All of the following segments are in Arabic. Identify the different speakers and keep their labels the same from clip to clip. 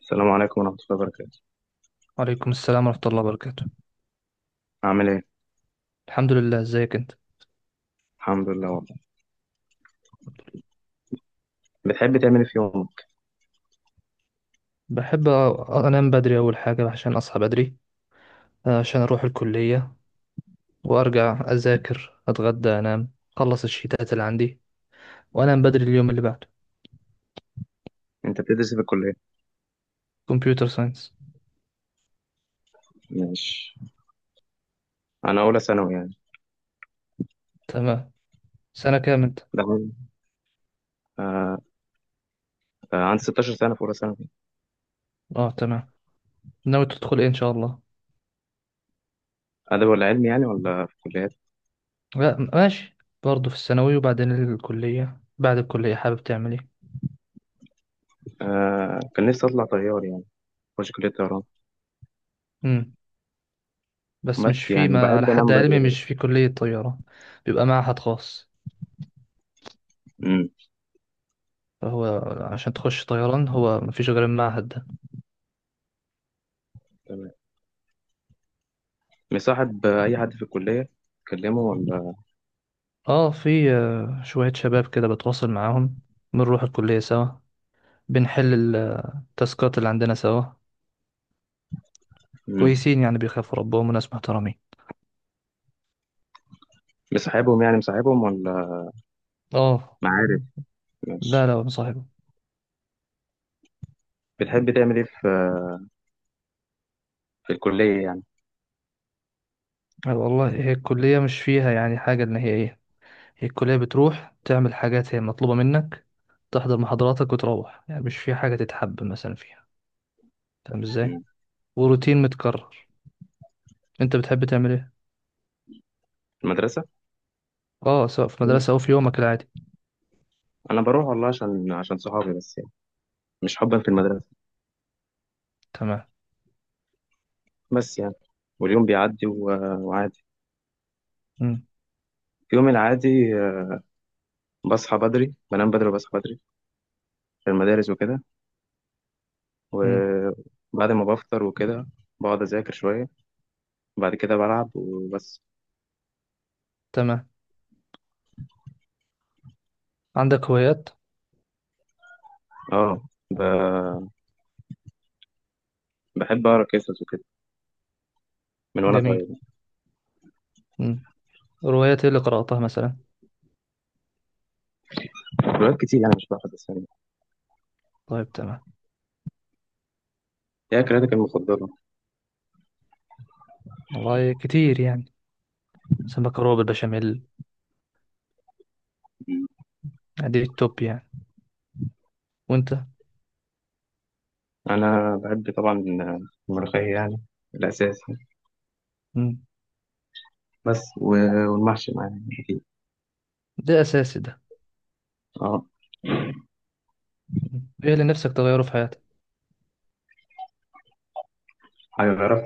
Speaker 1: السلام عليكم ورحمة الله وبركاته.
Speaker 2: وعليكم السلام ورحمة الله وبركاته.
Speaker 1: عامل ايه؟
Speaker 2: الحمد لله، ازيك انت.
Speaker 1: الحمد لله والله. بتحب تعمل ايه في يومك؟
Speaker 2: بحب انام بدري اول حاجة عشان اصحى بدري. عشان اروح الكلية وارجع اذاكر اتغدى انام. اخلص الشيتات اللي عندي وانام بدري اليوم اللي بعده.
Speaker 1: انت بتدرس إيه في الكلية؟
Speaker 2: كمبيوتر ساينس.
Speaker 1: ماشي. انا اولى ثانوي يعني.
Speaker 2: تمام، سنة كام انت.
Speaker 1: ده عندي آه. آه عندي 16 سنة في اولى ثانوي.
Speaker 2: اه تمام. ناوي تدخل ايه ان شاء الله.
Speaker 1: ادب ولا علمي يعني ولا في كليات؟
Speaker 2: لا م- ماشي، برضه في الثانوي، وبعدين الكلية. بعد الكلية حابب تعمل ايه.
Speaker 1: آه كان نفسي اطلع طيار يعني، اخش كلية طيران.
Speaker 2: امم بس مش
Speaker 1: بس
Speaker 2: في،
Speaker 1: يعني
Speaker 2: ما على
Speaker 1: وبحب
Speaker 2: حد
Speaker 1: انام بدري
Speaker 2: علمي
Speaker 1: بس.
Speaker 2: مش في كلية طيارة، بيبقى معهد خاص.
Speaker 1: امم
Speaker 2: فهو عشان تخش طيران هو مفيش غير المعهد ده.
Speaker 1: تمام. مصاحب اي حد في الكلية؟ تكلمه ولا؟
Speaker 2: اه في، شوية شباب كده بتواصل معاهم، بنروح الكلية سوا، بنحل التاسكات اللي عندنا سوا.
Speaker 1: امم
Speaker 2: كويسين يعني، بيخافوا ربهم وناس محترمين.
Speaker 1: مصاحبهم يعني مصاحبهم ولا
Speaker 2: اه.
Speaker 1: معارف؟
Speaker 2: لا
Speaker 1: ماشي.
Speaker 2: لا، مصاحبه.
Speaker 1: بتحب تعمل ايه في في الكلية يعني؟
Speaker 2: والله هي الكلية مش فيها يعني حاجة، إن هي إيه. هي الكلية بتروح تعمل حاجات هي مطلوبة منك، تحضر محاضراتك وتروح، يعني مش في حاجة تتحب مثلا فيها، فاهم إزاي.
Speaker 1: مم.
Speaker 2: وروتين متكرر. أنت بتحب تعمل إيه؟
Speaker 1: المدرسة؟
Speaker 2: اه سواء في مدرسة أو في يومك العادي.
Speaker 1: انا بروح والله عشان عشان صحابي بس يعني، مش حبا في المدرسه.
Speaker 2: تمام.
Speaker 1: بس يعني، واليوم بيعدي وعادي.
Speaker 2: مم.
Speaker 1: في يوم العادي آه، بصحى بدري، بنام بدري وبصحى بدري في المدارس وكده،
Speaker 2: مم.
Speaker 1: وبعد ما بفطر وكده بقعد اذاكر شويه، وبعد كده بلعب وبس.
Speaker 2: تمام. عندك هوايات.
Speaker 1: اه ب... بحب اقرا قصص وكده من وانا
Speaker 2: جميل.
Speaker 1: صغير.
Speaker 2: مم. روايات ايه اللي قرأتها مثلا.
Speaker 1: روايات كتير يعني مش بحفظ بس يعني.
Speaker 2: طيب تمام.
Speaker 1: هي قراءتك المفضله؟
Speaker 2: والله كتير يعني، سمك روب بشاميل، دي التوب يعني. وانت.
Speaker 1: انا بحب طبعا الملوخيه يعني، الاساسي.
Speaker 2: مم.
Speaker 1: بس والمحشي معايا اكيد.
Speaker 2: ده اساسي ده.
Speaker 1: اه.
Speaker 2: مم. ايه اللي نفسك تغيره في حياتك.
Speaker 1: هيعرف.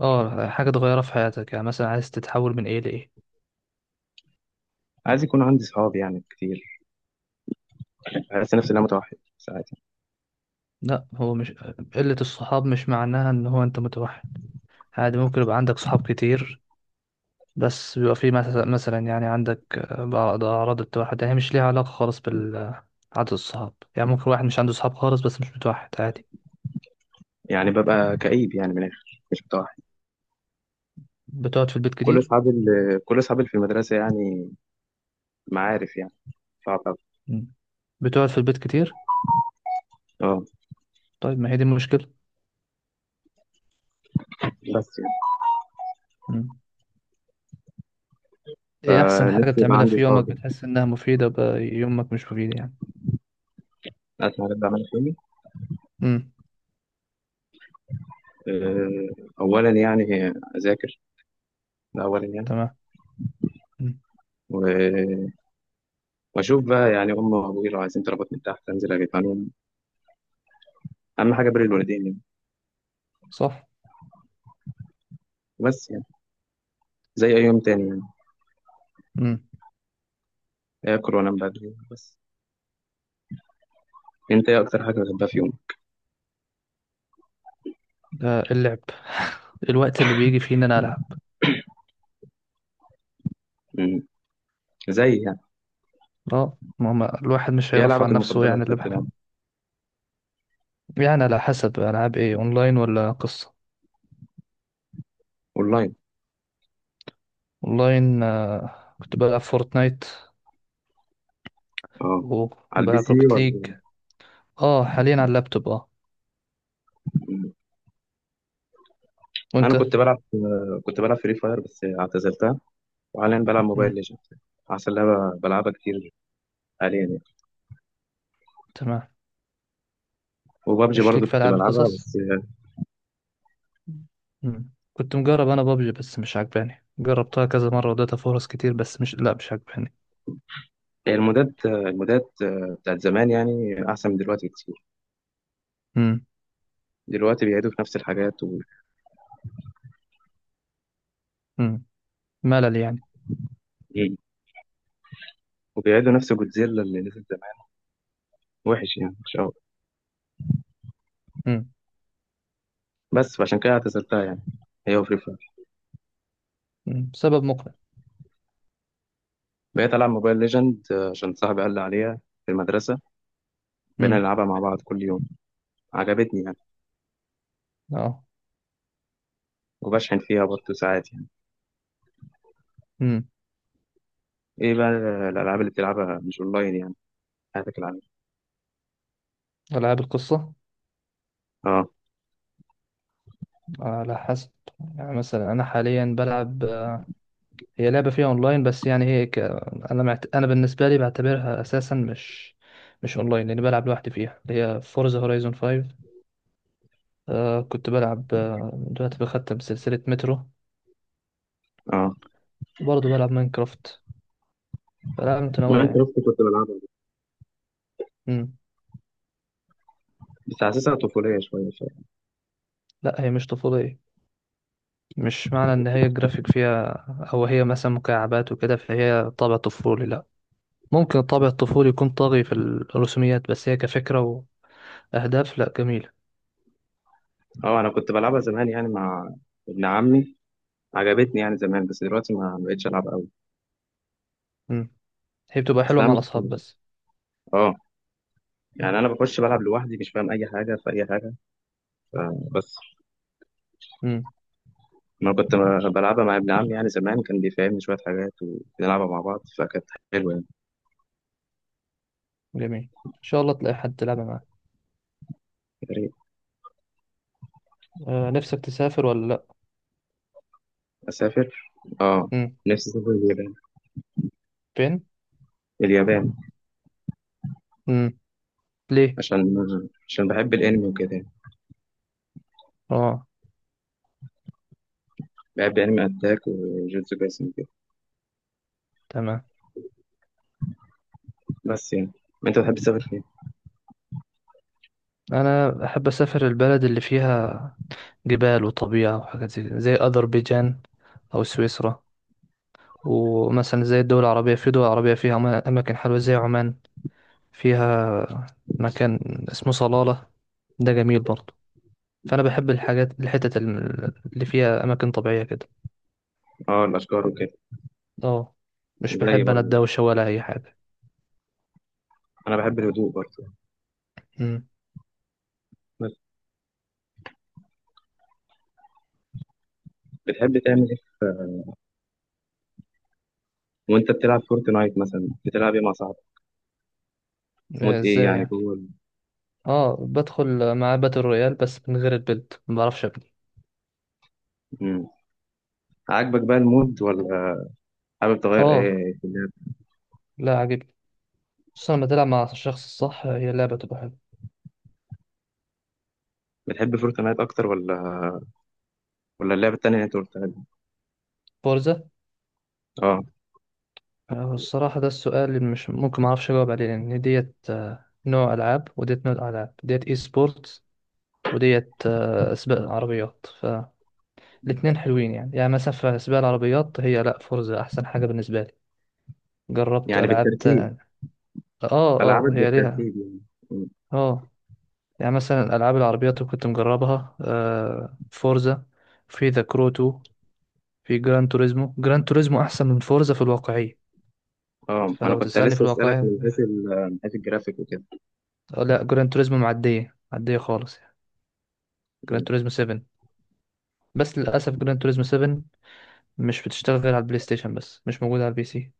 Speaker 2: اه حاجة تغيرها في حياتك يعني، مثلا عايز تتحول من ايه لايه.
Speaker 1: عايز يكون عندي صحاب يعني كتير. بحس نفسي إن أنا متوحد ساعات.
Speaker 2: لا هو مش، قلة الصحاب مش معناها ان هو انت متوحد. عادي ممكن يبقى عندك صحاب كتير، بس بيبقى في مس- مثلا يعني عندك، بعض أعراض التوحد، يعني مش ليها علاقة خالص بال عدد الصحاب. يعني ممكن واحد مش عنده صحاب خالص بس مش متوحد، عادي.
Speaker 1: يعني ببقى كئيب يعني من الآخر، مش متوحد.
Speaker 2: بتقعد في البيت
Speaker 1: كل
Speaker 2: كتير.
Speaker 1: كل أصحابي اللي في المدرسة يعني معارف يعني. صعب أوي.
Speaker 2: مم. بتقعد في البيت كتير.
Speaker 1: أه.
Speaker 2: طيب ما هي دي المشكلة.
Speaker 1: بس يعني.
Speaker 2: مم. ايه أحسن حاجة
Speaker 1: فنفسي يبقى
Speaker 2: بتعملها
Speaker 1: عندي
Speaker 2: في يومك
Speaker 1: صحاب يعني.
Speaker 2: بتحس إنها مفيدة، بقى يومك مش مفيد يعني.
Speaker 1: عارف أنا بعمل إيه؟
Speaker 2: امم.
Speaker 1: آه، أولا يعني أذاكر، ده أولا يعني.
Speaker 2: تمام. مم.
Speaker 1: و- وأشوف بقى يعني أمي وأبوي لو عايزين طلبات من تحت أنزل أجيبها لهم، أهم حاجة بر الوالدين يعني.
Speaker 2: صح.
Speaker 1: بس يعني زي أي يوم تاني يعني،
Speaker 2: امم.
Speaker 1: آكل وأنام بدري بس. أنت إيه أكتر حاجة بتحبها في يوم؟
Speaker 2: ده اللعب الوقت اللي بيجي فيه إن أنا ألعب.
Speaker 1: مم. زي يعني.
Speaker 2: اه ما هو الواحد مش
Speaker 1: ايه
Speaker 2: هيرفع
Speaker 1: لعبك
Speaker 2: عن نفسه
Speaker 1: المفضله
Speaker 2: يعني
Speaker 1: اللي
Speaker 2: اللي
Speaker 1: كنت بتلعبها؟
Speaker 2: بحب. يعني على حسب، ألعاب ايه، أونلاين ولا قصة.
Speaker 1: اونلاين.
Speaker 2: والله إن، كنت بلعب فورتنايت
Speaker 1: اه.
Speaker 2: و-
Speaker 1: على البي
Speaker 2: وبلعب
Speaker 1: سي
Speaker 2: روكت ليج.
Speaker 1: ولا؟
Speaker 2: اه حاليا على اللابتوب، اه. وانت.
Speaker 1: انا كنت بلعب كنت بلعب فري فاير بس اعتزلتها، وحاليا بلعب موبايل
Speaker 2: مم.
Speaker 1: ليجند عشان لعبه بلعبها كتير حاليا يعني.
Speaker 2: تمام.
Speaker 1: وبابجي
Speaker 2: مش ليك
Speaker 1: برضه
Speaker 2: في
Speaker 1: كنت
Speaker 2: ألعاب
Speaker 1: بلعبها
Speaker 2: القصص.
Speaker 1: بس.
Speaker 2: مم. كنت مجرب انا بابجي بس مش عجباني، جربتها كذا مرة واديتها فرص كتير بس مش، لا مش عجباني.
Speaker 1: هي المودات المودات بتاعت زمان يعني احسن من دلوقتي كتير.
Speaker 2: مم.
Speaker 1: دلوقتي بيعيدوا في نفس الحاجات
Speaker 2: مم. ملل يعني.
Speaker 1: وبيعيدوا نفس جودزيلا اللي نزل زمان، وحش يعني مش قوي.
Speaker 2: مم.
Speaker 1: بس فعشان كده اعتزلتها يعني، هي وفري فاير.
Speaker 2: مم. سبب مقنع.
Speaker 1: بقيت العب موبايل ليجند عشان صاحبي قال لي عليها في المدرسه، بقينا
Speaker 2: مم.
Speaker 1: نلعبها مع بعض كل يوم. عجبتني يعني.
Speaker 2: اه.
Speaker 1: وبشحن فيها برضه ساعات يعني.
Speaker 2: مم.
Speaker 1: ايه بقى الالعاب اللي بتلعبها مش اونلاين يعني، حياتك العادية؟
Speaker 2: ألعاب القصة،
Speaker 1: اه.
Speaker 2: على حسب. يعني مثلا أنا حاليا بلعب، هي لعبة فيها اونلاين بس يعني انا بالنسبة لي بعتبرها اساسا مش، مش اونلاين لاني بلعب لوحدي فيها، اللي هي فورزا هورايزون 5. آه كنت بلعب، دلوقتي بختم سلسلة مترو،
Speaker 1: اه.
Speaker 2: وبرضه بلعب ماينكرافت. فلعبة متنوعة
Speaker 1: لا انت
Speaker 2: يعني.
Speaker 1: رحت كنت بلعبها
Speaker 2: مم.
Speaker 1: بس حاسسها طفوليه شويه شويه.
Speaker 2: لا هي مش طفولية. مش معنى ان هي الجرافيك فيها او هي مثلا مكعبات وكده فهي طابع طفولي، لا. ممكن الطابع الطفولي يكون طاغي في الرسوميات بس هي كفكرة واهداف لا، جميلة.
Speaker 1: اه انا كنت بلعبها زمان يعني مع ابن عمي، عجبتني يعني زمان بس دلوقتي ما بقتش العب قوي.
Speaker 2: مم. هي بتبقى
Speaker 1: اصل
Speaker 2: حلوة
Speaker 1: انا
Speaker 2: مع الاصحاب
Speaker 1: مش،
Speaker 2: بس.
Speaker 1: اه يعني انا بخش بلعب لوحدي مش فاهم اي حاجه في اي حاجه فبس.
Speaker 2: مم.
Speaker 1: ما كنت بلعبها مع ابن عمي يعني زمان، كان بيفهمني شويه حاجات وبنلعبها مع بعض فكانت حلوه يعني.
Speaker 2: جميل، ان شاء الله تلاقي حد تلعب معاه.
Speaker 1: يا ريت.
Speaker 2: آه نفسك تسافر ولا لا.
Speaker 1: اسافر، اه.
Speaker 2: امم.
Speaker 1: نفسي اسافر اليابان.
Speaker 2: فين.
Speaker 1: اليابان.
Speaker 2: امم. ليه.
Speaker 1: عشان عشان بحب الانمي وكده يعني،
Speaker 2: اه
Speaker 1: بحب انمي اتاك وجوجوتسو كايسن وكده.
Speaker 2: تمام.
Speaker 1: بس يعني انت بتحب تسافر فين؟
Speaker 2: انا احب اسافر البلد اللي فيها جبال وطبيعه وحاجات زي كده، زي اذربيجان او سويسرا. ومثلا زي الدول العربيه، في دول عربيه فيها اماكن حلوه، زي عمان، فيها مكان اسمه صلاله، ده جميل برضه. فانا بحب الحاجات الحتت اللي فيها اماكن طبيعيه كده.
Speaker 1: اه الاشجار وكده.
Speaker 2: اه. مش
Speaker 1: زي
Speaker 2: بحب انا
Speaker 1: برضه،
Speaker 2: الدوشه ولا اي حاجه.
Speaker 1: انا بحب الهدوء برضه.
Speaker 2: امم.
Speaker 1: بس بتحب تعمل ايه وانت بتلعب فورتنايت مثلا بتلعب ايه مع صاحبك؟ مود ايه
Speaker 2: ازاي
Speaker 1: يعني
Speaker 2: يعني.
Speaker 1: جوه
Speaker 2: اه بدخل مع باتل رويال بس من غير البيلد، ما بعرفش ابني.
Speaker 1: مم. عاجبك بقى المود ولا حابب تغير
Speaker 2: اه.
Speaker 1: ايه في اللعب؟
Speaker 2: لا عاجبني، خصوصا لما تلعب مع الشخص الصح هي اللعبة تبقى حلوة.
Speaker 1: بتحب فورتنايت اكتر ولا ولا اللعبه التانيه اللي انت قلتها دي؟
Speaker 2: فورزا.
Speaker 1: اه.
Speaker 2: الصراحة ده السؤال اللي مش ممكن ما اعرفش اجاوب عليه، لان ديت نوع العاب وديت نوع العاب، ديت اي سبورتس وديت، سباق العربيات. فالاتنين حلوين يعني، يعني مثلا في سباق العربيات هي لا فورزا احسن حاجة بالنسبة لي. جربت
Speaker 1: يعني
Speaker 2: العاب
Speaker 1: بالترتيب،
Speaker 2: اه
Speaker 1: العابك
Speaker 2: اه، هي ليها
Speaker 1: بالترتيب يعني. مم.
Speaker 2: اه. يعني مثلا الألعاب العربيات اللي كنت مجربها آه، فورزا، في ذا كرو 2، في جران توريزمو. جران توريزمو أحسن من فورزا في الواقعية.
Speaker 1: اه ما انا
Speaker 2: فلو
Speaker 1: كنت
Speaker 2: تسألني في
Speaker 1: لسه اسالك
Speaker 2: الواقعية،
Speaker 1: من حيث من حيث الجرافيك وكده.
Speaker 2: لا جران توريزمو معدية، معدية خالص يعني. جران توريزمو 7. بس للأسف جران توريزمو 7 مش بتشتغل غير على البلاي ستيشن، بس مش موجودة على البي سي.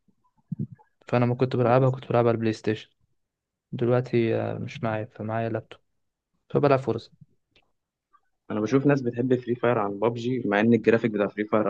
Speaker 2: فأنا ما كنت
Speaker 1: مم.
Speaker 2: بلعبها، كنت بلعبها على البلاي ستيشن. دلوقتي، مش معايا، فمعايا لابتوب، فبلعب فورزا.
Speaker 1: انا بشوف ناس بتحب فري فاير عن بابجي مع ان الجرافيك بتاع فري فاير